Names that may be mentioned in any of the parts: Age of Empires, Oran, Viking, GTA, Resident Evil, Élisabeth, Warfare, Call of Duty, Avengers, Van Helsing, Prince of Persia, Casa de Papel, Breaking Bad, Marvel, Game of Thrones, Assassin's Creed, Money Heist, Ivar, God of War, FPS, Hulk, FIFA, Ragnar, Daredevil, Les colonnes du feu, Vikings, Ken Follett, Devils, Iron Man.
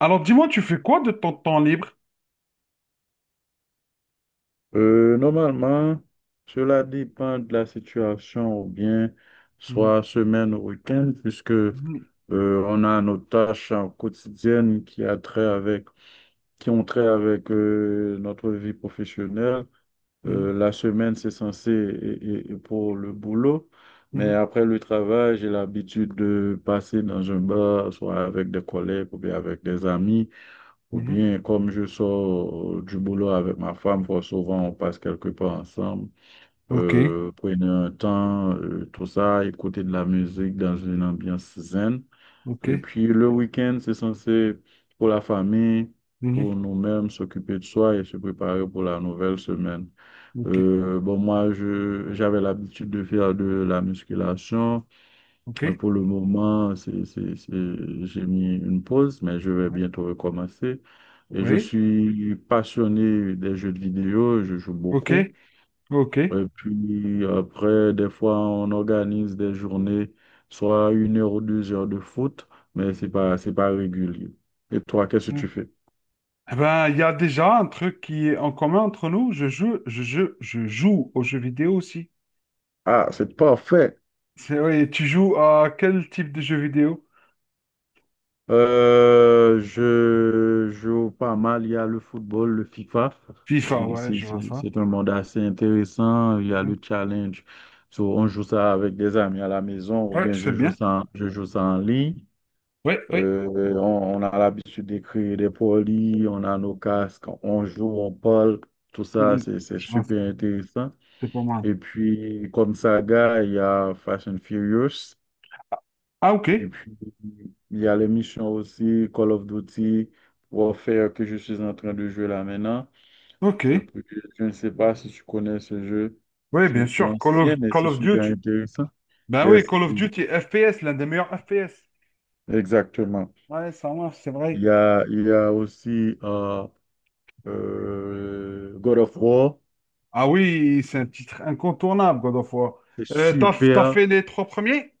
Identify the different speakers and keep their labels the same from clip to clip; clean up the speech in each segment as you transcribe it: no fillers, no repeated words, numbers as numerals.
Speaker 1: Alors, dis-moi, tu fais quoi de ton temps libre?
Speaker 2: Normalement, cela dépend de la situation ou bien
Speaker 1: Mhm,
Speaker 2: soit semaine ou week-end, puisque on a nos tâches quotidiennes qui ont trait avec notre vie professionnelle.
Speaker 1: mhm,
Speaker 2: La semaine, c'est censé et pour le boulot,
Speaker 1: mhm,
Speaker 2: mais
Speaker 1: mhm,
Speaker 2: après le travail, j'ai l'habitude de passer dans un bar, soit avec des collègues ou bien avec des amis. Ou
Speaker 1: mhm.
Speaker 2: bien, comme je sors du boulot avec ma femme, fort souvent on passe quelque part ensemble,
Speaker 1: Ok,
Speaker 2: prenez un temps, tout ça, écouter de la musique dans une ambiance zen.
Speaker 1: ok,
Speaker 2: Et puis le week-end, c'est censé pour la famille, pour
Speaker 1: mhm,
Speaker 2: nous-mêmes, s'occuper de soi et se préparer pour la nouvelle semaine.
Speaker 1: ok,
Speaker 2: Moi, j'avais l'habitude de faire de la musculation.
Speaker 1: ok,
Speaker 2: Mais pour le moment, j'ai mis une pause, mais je vais
Speaker 1: ouais,
Speaker 2: bientôt recommencer. Et je
Speaker 1: oui,
Speaker 2: suis passionné des jeux de vidéo, je joue
Speaker 1: ok,
Speaker 2: beaucoup.
Speaker 1: ok.
Speaker 2: Et puis après, des fois, on organise des journées, soit une heure ou deux heures de foot, mais c'est pas régulier. Et toi, qu'est-ce que tu
Speaker 1: Ouais.
Speaker 2: fais?
Speaker 1: Eh ben, il y a déjà un truc qui est en commun entre nous. Je joue aux jeux vidéo aussi.
Speaker 2: Ah, c'est parfait.
Speaker 1: Ouais, tu joues à quel type de jeu vidéo?
Speaker 2: Je joue pas mal. Il y a le football, le FIFA.
Speaker 1: FIFA, ouais, je vois ça.
Speaker 2: C'est un monde assez intéressant. Il y a
Speaker 1: Mm.
Speaker 2: le challenge. So, on joue ça avec des amis à la maison ou
Speaker 1: Ouais,
Speaker 2: bien
Speaker 1: c'est
Speaker 2: je joue
Speaker 1: bien.
Speaker 2: ça, je joue ça en ligne.
Speaker 1: Ouais, ouais,
Speaker 2: Euh, on a l'habitude d'écrire des polis, on a nos casques, on joue, on parle. Tout ça,
Speaker 1: mm,
Speaker 2: c'est
Speaker 1: je vois ça.
Speaker 2: super intéressant.
Speaker 1: C'est pas mal.
Speaker 2: Et puis, comme saga, il y a Fast and Furious.
Speaker 1: Ah, ok.
Speaker 2: Et puis, il y a les missions aussi, Call of Duty, Warfare, que je suis en train de jouer là maintenant.
Speaker 1: Ok,
Speaker 2: Euh, puis, je ne sais pas si tu connais ce jeu.
Speaker 1: oui, bien
Speaker 2: C'est
Speaker 1: sûr. Call of,
Speaker 2: ancien, mais
Speaker 1: Call
Speaker 2: c'est
Speaker 1: of
Speaker 2: super
Speaker 1: Duty.
Speaker 2: intéressant.
Speaker 1: Ben oui,
Speaker 2: Yes,
Speaker 1: Call of Duty FPS, l'un des meilleurs FPS.
Speaker 2: exactement.
Speaker 1: Ouais, ça marche, c'est vrai.
Speaker 2: Il y a aussi God of War.
Speaker 1: Ah oui, c'est un titre incontournable, God of War.
Speaker 2: C'est
Speaker 1: T'as
Speaker 2: super.
Speaker 1: fait les trois premiers?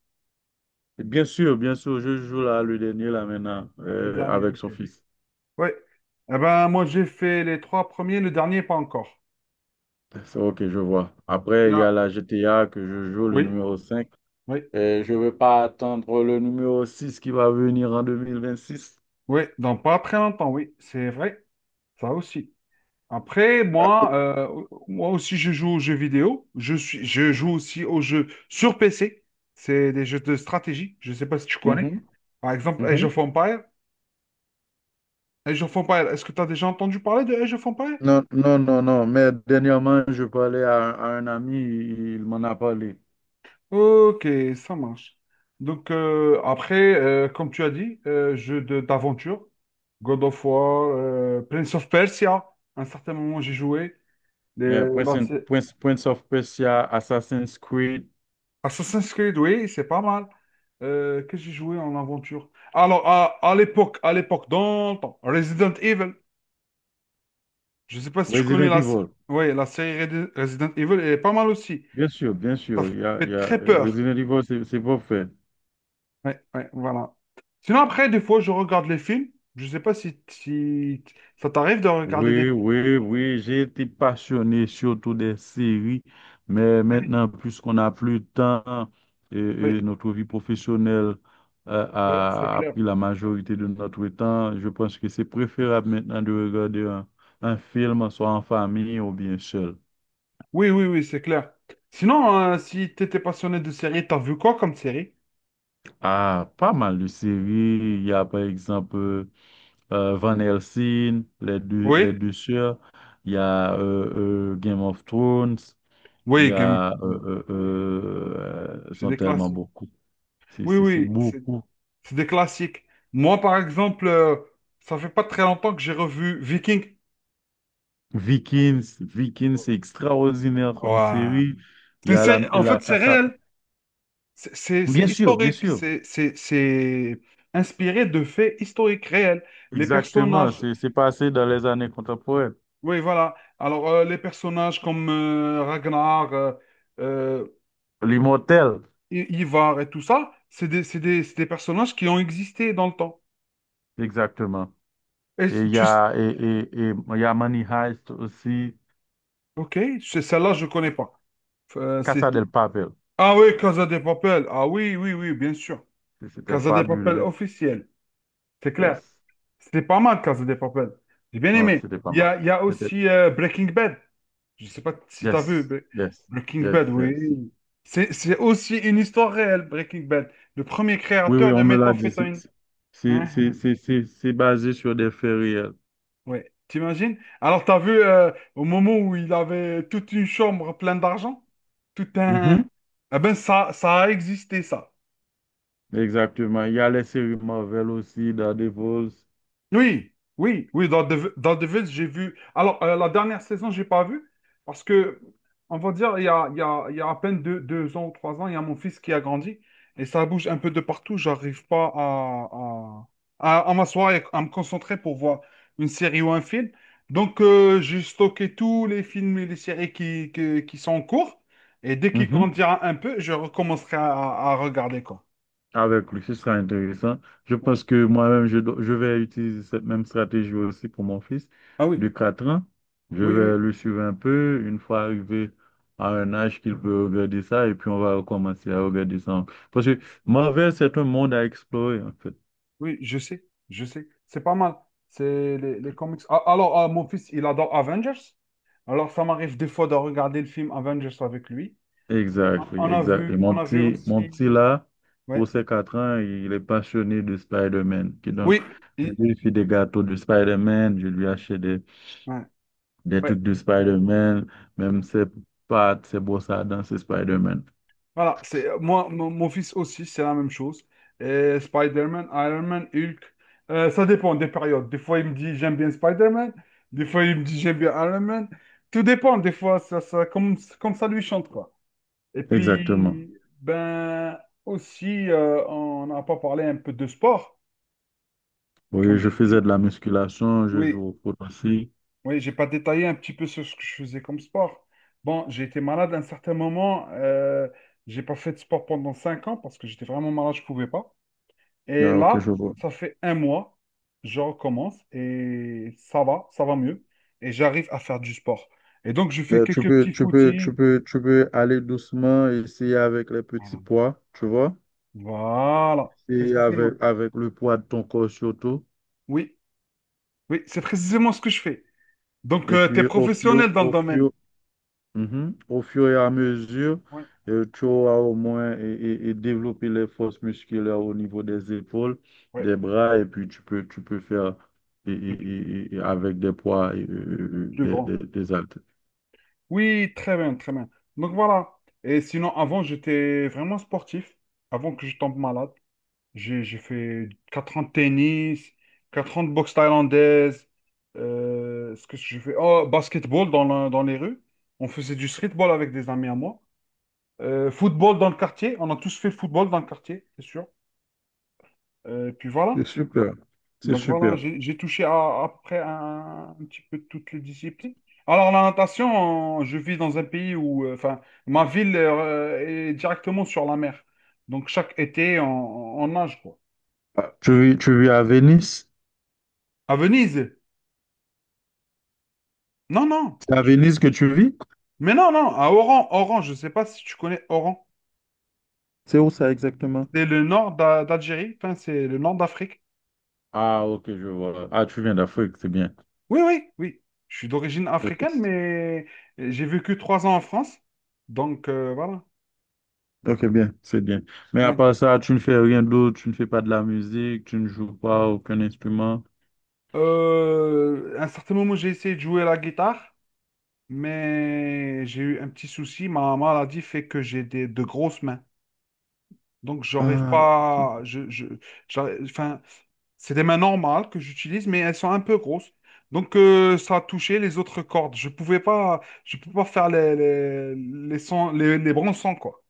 Speaker 2: Et bien sûr, je joue là le dernier là maintenant
Speaker 1: Le dernier,
Speaker 2: avec
Speaker 1: ok.
Speaker 2: son fils.
Speaker 1: Oui. Eh ben, moi, j'ai fait les trois premiers, le dernier, pas encore.
Speaker 2: C'est ok, je vois. Après, il y
Speaker 1: Bien.
Speaker 2: a la GTA que je joue, le
Speaker 1: Oui,
Speaker 2: numéro cinq.
Speaker 1: oui,
Speaker 2: Et je ne veux pas attendre le numéro 6 qui va venir en 2026.
Speaker 1: oui. Donc, pas très longtemps, oui, c'est vrai. Ça aussi. Après,
Speaker 2: Ah,
Speaker 1: moi, moi aussi, je joue aux jeux vidéo. Je joue aussi aux jeux sur PC. C'est des jeux de stratégie. Je ne sais pas si tu connais.
Speaker 2: mhm,
Speaker 1: Par exemple, Age of
Speaker 2: mhm.
Speaker 1: Empires. Age of Empires, est-ce que tu as déjà entendu parler de Age of Empires?
Speaker 2: Non, non, non, non. Mais dernièrement, je parlais à, un ami, il m'en a parlé.
Speaker 1: Ok, ça marche. Donc, après, comme tu as dit, jeu d'aventure, God of War, Prince of Persia, à un certain moment j'ai joué.
Speaker 2: Yeah,
Speaker 1: Les- la sé-
Speaker 2: Prince of Persia, Assassin's Creed,
Speaker 1: Assassin's Creed, oui, c'est pas mal. Qu'est-ce que j'ai joué en aventure? Alors, à l'époque, dans le temps, Resident Evil, je ne sais pas si tu connais
Speaker 2: Resident Evil.
Speaker 1: ouais, la série Resident Evil, elle est pas mal aussi.
Speaker 2: Bien sûr, bien
Speaker 1: Ça
Speaker 2: sûr.
Speaker 1: fait très peur.
Speaker 2: Resident Evil, c'est pas fait.
Speaker 1: Ouais, ouais, voilà. Sinon, après, des fois, je regarde les films. Je sais pas si ça t'arrive de regarder des
Speaker 2: Oui,
Speaker 1: films.
Speaker 2: oui, oui, j'ai été passionné surtout des séries, mais
Speaker 1: Oui,
Speaker 2: maintenant, puisqu'on n'a plus de temps et
Speaker 1: oui,
Speaker 2: notre vie professionnelle
Speaker 1: ouais, c'est
Speaker 2: a
Speaker 1: clair.
Speaker 2: pris la majorité de notre temps, je pense que c'est préférable maintenant de regarder un film, soit en famille ou bien seul.
Speaker 1: Oui, oui, oui, c'est clair. Sinon, si t'étais passionné de séries, t'as vu quoi comme série?
Speaker 2: Ah, pas mal de séries. Il y a par exemple Van Helsing, les
Speaker 1: Oui,
Speaker 2: deux sœurs. Il y a Game of Thrones.
Speaker 1: oui, Game of Thrones.
Speaker 2: Ils
Speaker 1: C'est
Speaker 2: sont
Speaker 1: des
Speaker 2: tellement
Speaker 1: classiques.
Speaker 2: beaucoup.
Speaker 1: Oui,
Speaker 2: C'est
Speaker 1: oui, c'est
Speaker 2: beaucoup.
Speaker 1: c'est des classiques. Moi, par exemple, ça fait pas très longtemps que j'ai revu Viking.
Speaker 2: Vikings, Vikings, c'est extraordinaire comme
Speaker 1: Ouais.
Speaker 2: série. Il y a
Speaker 1: En
Speaker 2: la
Speaker 1: fait, c'est
Speaker 2: Casa.
Speaker 1: réel. C'est
Speaker 2: Bien sûr, bien
Speaker 1: historique,
Speaker 2: sûr.
Speaker 1: c'est inspiré de faits historiques réels. Les
Speaker 2: Exactement.
Speaker 1: personnages,
Speaker 2: C'est passé dans les années contemporaines.
Speaker 1: oui, voilà. Alors, les personnages comme Ragnar, euh,
Speaker 2: L'Immortel,
Speaker 1: Ivar et tout ça, c'est des personnages qui ont existé dans le temps.
Speaker 2: exactement.
Speaker 1: Et
Speaker 2: Et
Speaker 1: c-
Speaker 2: il y
Speaker 1: tu, s-
Speaker 2: a, et, et, et il y a Money Heist aussi.
Speaker 1: ok, celle-là, je connais pas. Euh, c'est-
Speaker 2: Casa
Speaker 1: c'est-
Speaker 2: del Papel.
Speaker 1: Ah oui, Casa de Papel. Ah oui, oui, oui, bien sûr.
Speaker 2: C'était
Speaker 1: Casa de Papel
Speaker 2: fabuleux.
Speaker 1: officiel, c'est clair.
Speaker 2: Yes.
Speaker 1: C'était pas mal, Casa de Papel. J'ai bien
Speaker 2: Non,
Speaker 1: aimé.
Speaker 2: c'était pas
Speaker 1: Il y
Speaker 2: mal.
Speaker 1: a, il y a
Speaker 2: C'était,
Speaker 1: aussi Breaking Bad. Je sais pas si t'as vu,
Speaker 2: yes,
Speaker 1: mais
Speaker 2: yes,
Speaker 1: Breaking
Speaker 2: yes,
Speaker 1: Bad,
Speaker 2: yes.
Speaker 1: oui. C'est aussi une histoire réelle, Breaking Bad. Le premier
Speaker 2: Oui, oui,
Speaker 1: créateur de
Speaker 2: on me l'a dit.
Speaker 1: méthamphétamine. Hein, hein.
Speaker 2: C'est basé sur des faits réels.
Speaker 1: Ouais, t'imagines? Alors, t'as vu au moment où il avait toute une chambre pleine d'argent? Tout
Speaker 2: Mhm.
Speaker 1: un. Eh ben, ça a existé, ça.
Speaker 2: Exactement. Il y a les séries Marvel aussi, Daredevil.
Speaker 1: Oui, oui, oui, dans Devils, j'ai vu. Alors, la dernière saison, j'ai pas vu, parce que, on va dire, il y a, il y a- il y a à peine 2 ans ou 3 ans, il y a mon fils qui a grandi, et ça bouge un peu de partout. J'arrive pas à m'asseoir et à me concentrer pour voir une série ou un film. Donc, j'ai stocké tous les films et les séries qui sont en cours, et dès qu'il
Speaker 2: Mhm.
Speaker 1: grandira un peu, je recommencerai à regarder, quoi.
Speaker 2: Avec lui. Ce sera intéressant. Je pense que moi-même, je vais utiliser cette même stratégie aussi pour mon fils
Speaker 1: Ah oui,
Speaker 2: de 4 ans. Je
Speaker 1: oui,
Speaker 2: vais
Speaker 1: oui.
Speaker 2: le suivre un peu. Une fois arrivé à un âge qu'il peut regarder ça, et puis on va recommencer à regarder ça. Parce que Marvel, c'est un monde à explorer, en fait.
Speaker 1: Oui, je sais, je sais. C'est pas mal. C'est les comics. Ah, alors, ah, mon fils, il adore Avengers. Alors, ça m'arrive des fois de regarder le film Avengers avec lui. On
Speaker 2: Exactly,
Speaker 1: a
Speaker 2: exactly.
Speaker 1: vu, on a vu aussi.
Speaker 2: Mon petit là, pour
Speaker 1: Ouais.
Speaker 2: ses 4 ans, il est passionné de Spider-Man. Qui donc,
Speaker 1: Oui.
Speaker 2: je
Speaker 1: il-
Speaker 2: lui fais des gâteaux de Spider-Man, je lui achète
Speaker 1: Ouais.
Speaker 2: des
Speaker 1: Ouais.
Speaker 2: trucs de Spider-Man, même ses pattes, ses brosses à dents, c'est Spider-Man.
Speaker 1: Voilà. C'est moi, mon fils aussi, c'est la même chose. Et Spider-Man, Iron Man, Hulk. Ça dépend des périodes. Des fois, il me dit j'aime bien Spider-Man. Des fois, il me dit j'aime bien Iron Man. Tout dépend. Des fois, comme ça lui chante, quoi. Et
Speaker 2: Exactement.
Speaker 1: puis, ben, aussi, on n'a pas parlé un peu de sport,
Speaker 2: Oui,
Speaker 1: comme
Speaker 2: je
Speaker 1: j'ai
Speaker 2: faisais
Speaker 1: dit.
Speaker 2: de la musculation, je joue
Speaker 1: Oui,
Speaker 2: au foot aussi.
Speaker 1: oui, j'ai pas détaillé un petit peu sur ce que je faisais comme sport. Bon, j'ai été malade à un certain moment. J'ai pas fait de sport pendant 5 ans parce que j'étais vraiment malade, je pouvais pas. Et
Speaker 2: Ah, ok,
Speaker 1: là,
Speaker 2: je vois.
Speaker 1: ça fait un mois, je recommence et ça va mieux. Et j'arrive à faire du sport. Et donc, je fais quelques petits footings.
Speaker 2: Tu peux aller doucement, essayer avec les petits
Speaker 1: Voilà,
Speaker 2: poids, tu vois?
Speaker 1: voilà,
Speaker 2: Et
Speaker 1: précisément.
Speaker 2: avec le poids de ton corps surtout.
Speaker 1: Oui, oui, c'est précisément ce que je fais. Donc,
Speaker 2: Et
Speaker 1: tu es
Speaker 2: puis,
Speaker 1: professionnel dans le
Speaker 2: au
Speaker 1: domaine.
Speaker 2: fur, mhm, au fur et à mesure,
Speaker 1: Oui,
Speaker 2: tu auras au moins et développer les forces musculaires au niveau des épaules,
Speaker 1: ouais,
Speaker 2: des bras, et puis tu peux faire
Speaker 1: le
Speaker 2: et avec des poids
Speaker 1: plus grand.
Speaker 2: des haltères.
Speaker 1: Oui, très bien, très bien. Donc, voilà. Et sinon, avant, j'étais vraiment sportif. Avant que je tombe malade, j'ai fait 4 ans de tennis, 4 ans de boxe thaïlandaise. Ce que je fais, oh, basketball dans les rues. On faisait du streetball avec des amis à moi. Football dans le quartier. On a tous fait football dans le quartier, c'est sûr. Puis
Speaker 2: C'est
Speaker 1: voilà.
Speaker 2: super. C'est
Speaker 1: Donc voilà,
Speaker 2: super.
Speaker 1: j'ai touché à un petit peu toutes les disciplines. Alors la natation, je vis dans un pays où, enfin, ma ville est directement sur la mer. Donc chaque été, on nage, quoi.
Speaker 2: Ah, tu vis, tu vis à Venise?
Speaker 1: À Venise? Non, non.
Speaker 2: C'est à Venise que tu vis?
Speaker 1: Mais non, non, à Oran. Oran, je ne sais pas si tu connais Oran.
Speaker 2: C'est où ça exactement?
Speaker 1: C'est le nord d'Algérie, enfin, c'est le nord d'Afrique.
Speaker 2: Ah, ok, je vois. Ah, tu viens d'Afrique, c'est bien.
Speaker 1: Oui, oui, oui. Je suis d'origine africaine,
Speaker 2: Ok.
Speaker 1: mais j'ai vécu 3 ans en France. Donc voilà.
Speaker 2: Ok, bien, c'est bien. Mais à
Speaker 1: Oui.
Speaker 2: part ça, tu ne fais rien d'autre, tu ne fais pas de la musique, tu ne joues pas aucun instrument.
Speaker 1: À un certain moment, j'ai essayé de jouer à la guitare, mais j'ai eu un petit souci. Ma maladie fait que j'ai de grosses mains. Donc, j'arrive
Speaker 2: Ah, ok.
Speaker 1: pas. Enfin, c'est des mains normales que j'utilise, mais elles sont un peu grosses. Donc, ça a touché les autres cordes. Je pouvais pas, je peux pas faire les sons, les bons sons, quoi.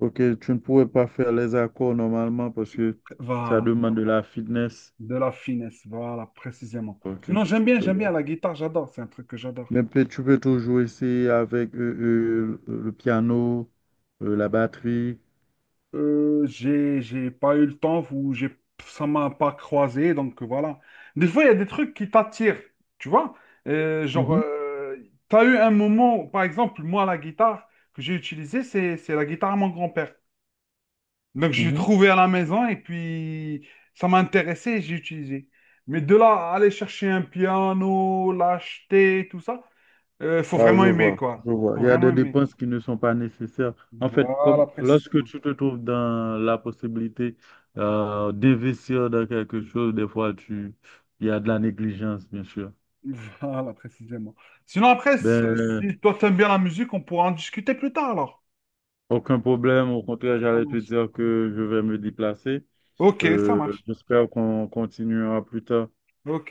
Speaker 2: Ok, tu ne pourrais pas faire les accords normalement parce que ça
Speaker 1: Voilà,
Speaker 2: demande de la fitness.
Speaker 1: de la finesse, voilà, précisément.
Speaker 2: Ok,
Speaker 1: Sinon, j'aime bien,
Speaker 2: je
Speaker 1: j'aime
Speaker 2: vois.
Speaker 1: bien la guitare, j'adore, c'est un truc que j'adore.
Speaker 2: Mais peut tu peux toujours essayer avec le piano, la batterie.
Speaker 1: J'ai pas eu le temps ou ça m'a pas croisé, donc voilà. Des fois, il y a des trucs qui t'attirent, tu vois. Genre,
Speaker 2: Mhm,
Speaker 1: t'as eu un moment, par exemple, moi, la guitare que j'ai utilisée, c'est la guitare à mon grand-père. Donc, je l'ai
Speaker 2: mhm.
Speaker 1: trouvée à la maison et puis ça m'a intéressé et j'ai utilisé. Mais de là, à aller chercher un piano, l'acheter, tout ça, faut
Speaker 2: Ah, je
Speaker 1: vraiment aimer,
Speaker 2: vois, je
Speaker 1: quoi.
Speaker 2: vois.
Speaker 1: Faut
Speaker 2: Il y a des
Speaker 1: vraiment aimer.
Speaker 2: dépenses qui ne sont pas nécessaires. En fait, comme
Speaker 1: Voilà,
Speaker 2: lorsque
Speaker 1: précisément.
Speaker 2: tu te trouves dans la possibilité d'investir dans quelque chose, il y a de la négligence, bien sûr.
Speaker 1: Voilà, précisément. Sinon, après, si
Speaker 2: Ben,
Speaker 1: si toi t'aimes bien la musique, on pourra en discuter plus tard alors.
Speaker 2: aucun problème. Au contraire,
Speaker 1: Ça
Speaker 2: j'allais te
Speaker 1: marche.
Speaker 2: dire que je vais me déplacer.
Speaker 1: Ok, ça
Speaker 2: Euh,
Speaker 1: marche.
Speaker 2: J'espère qu'on continuera plus tard.
Speaker 1: Ok.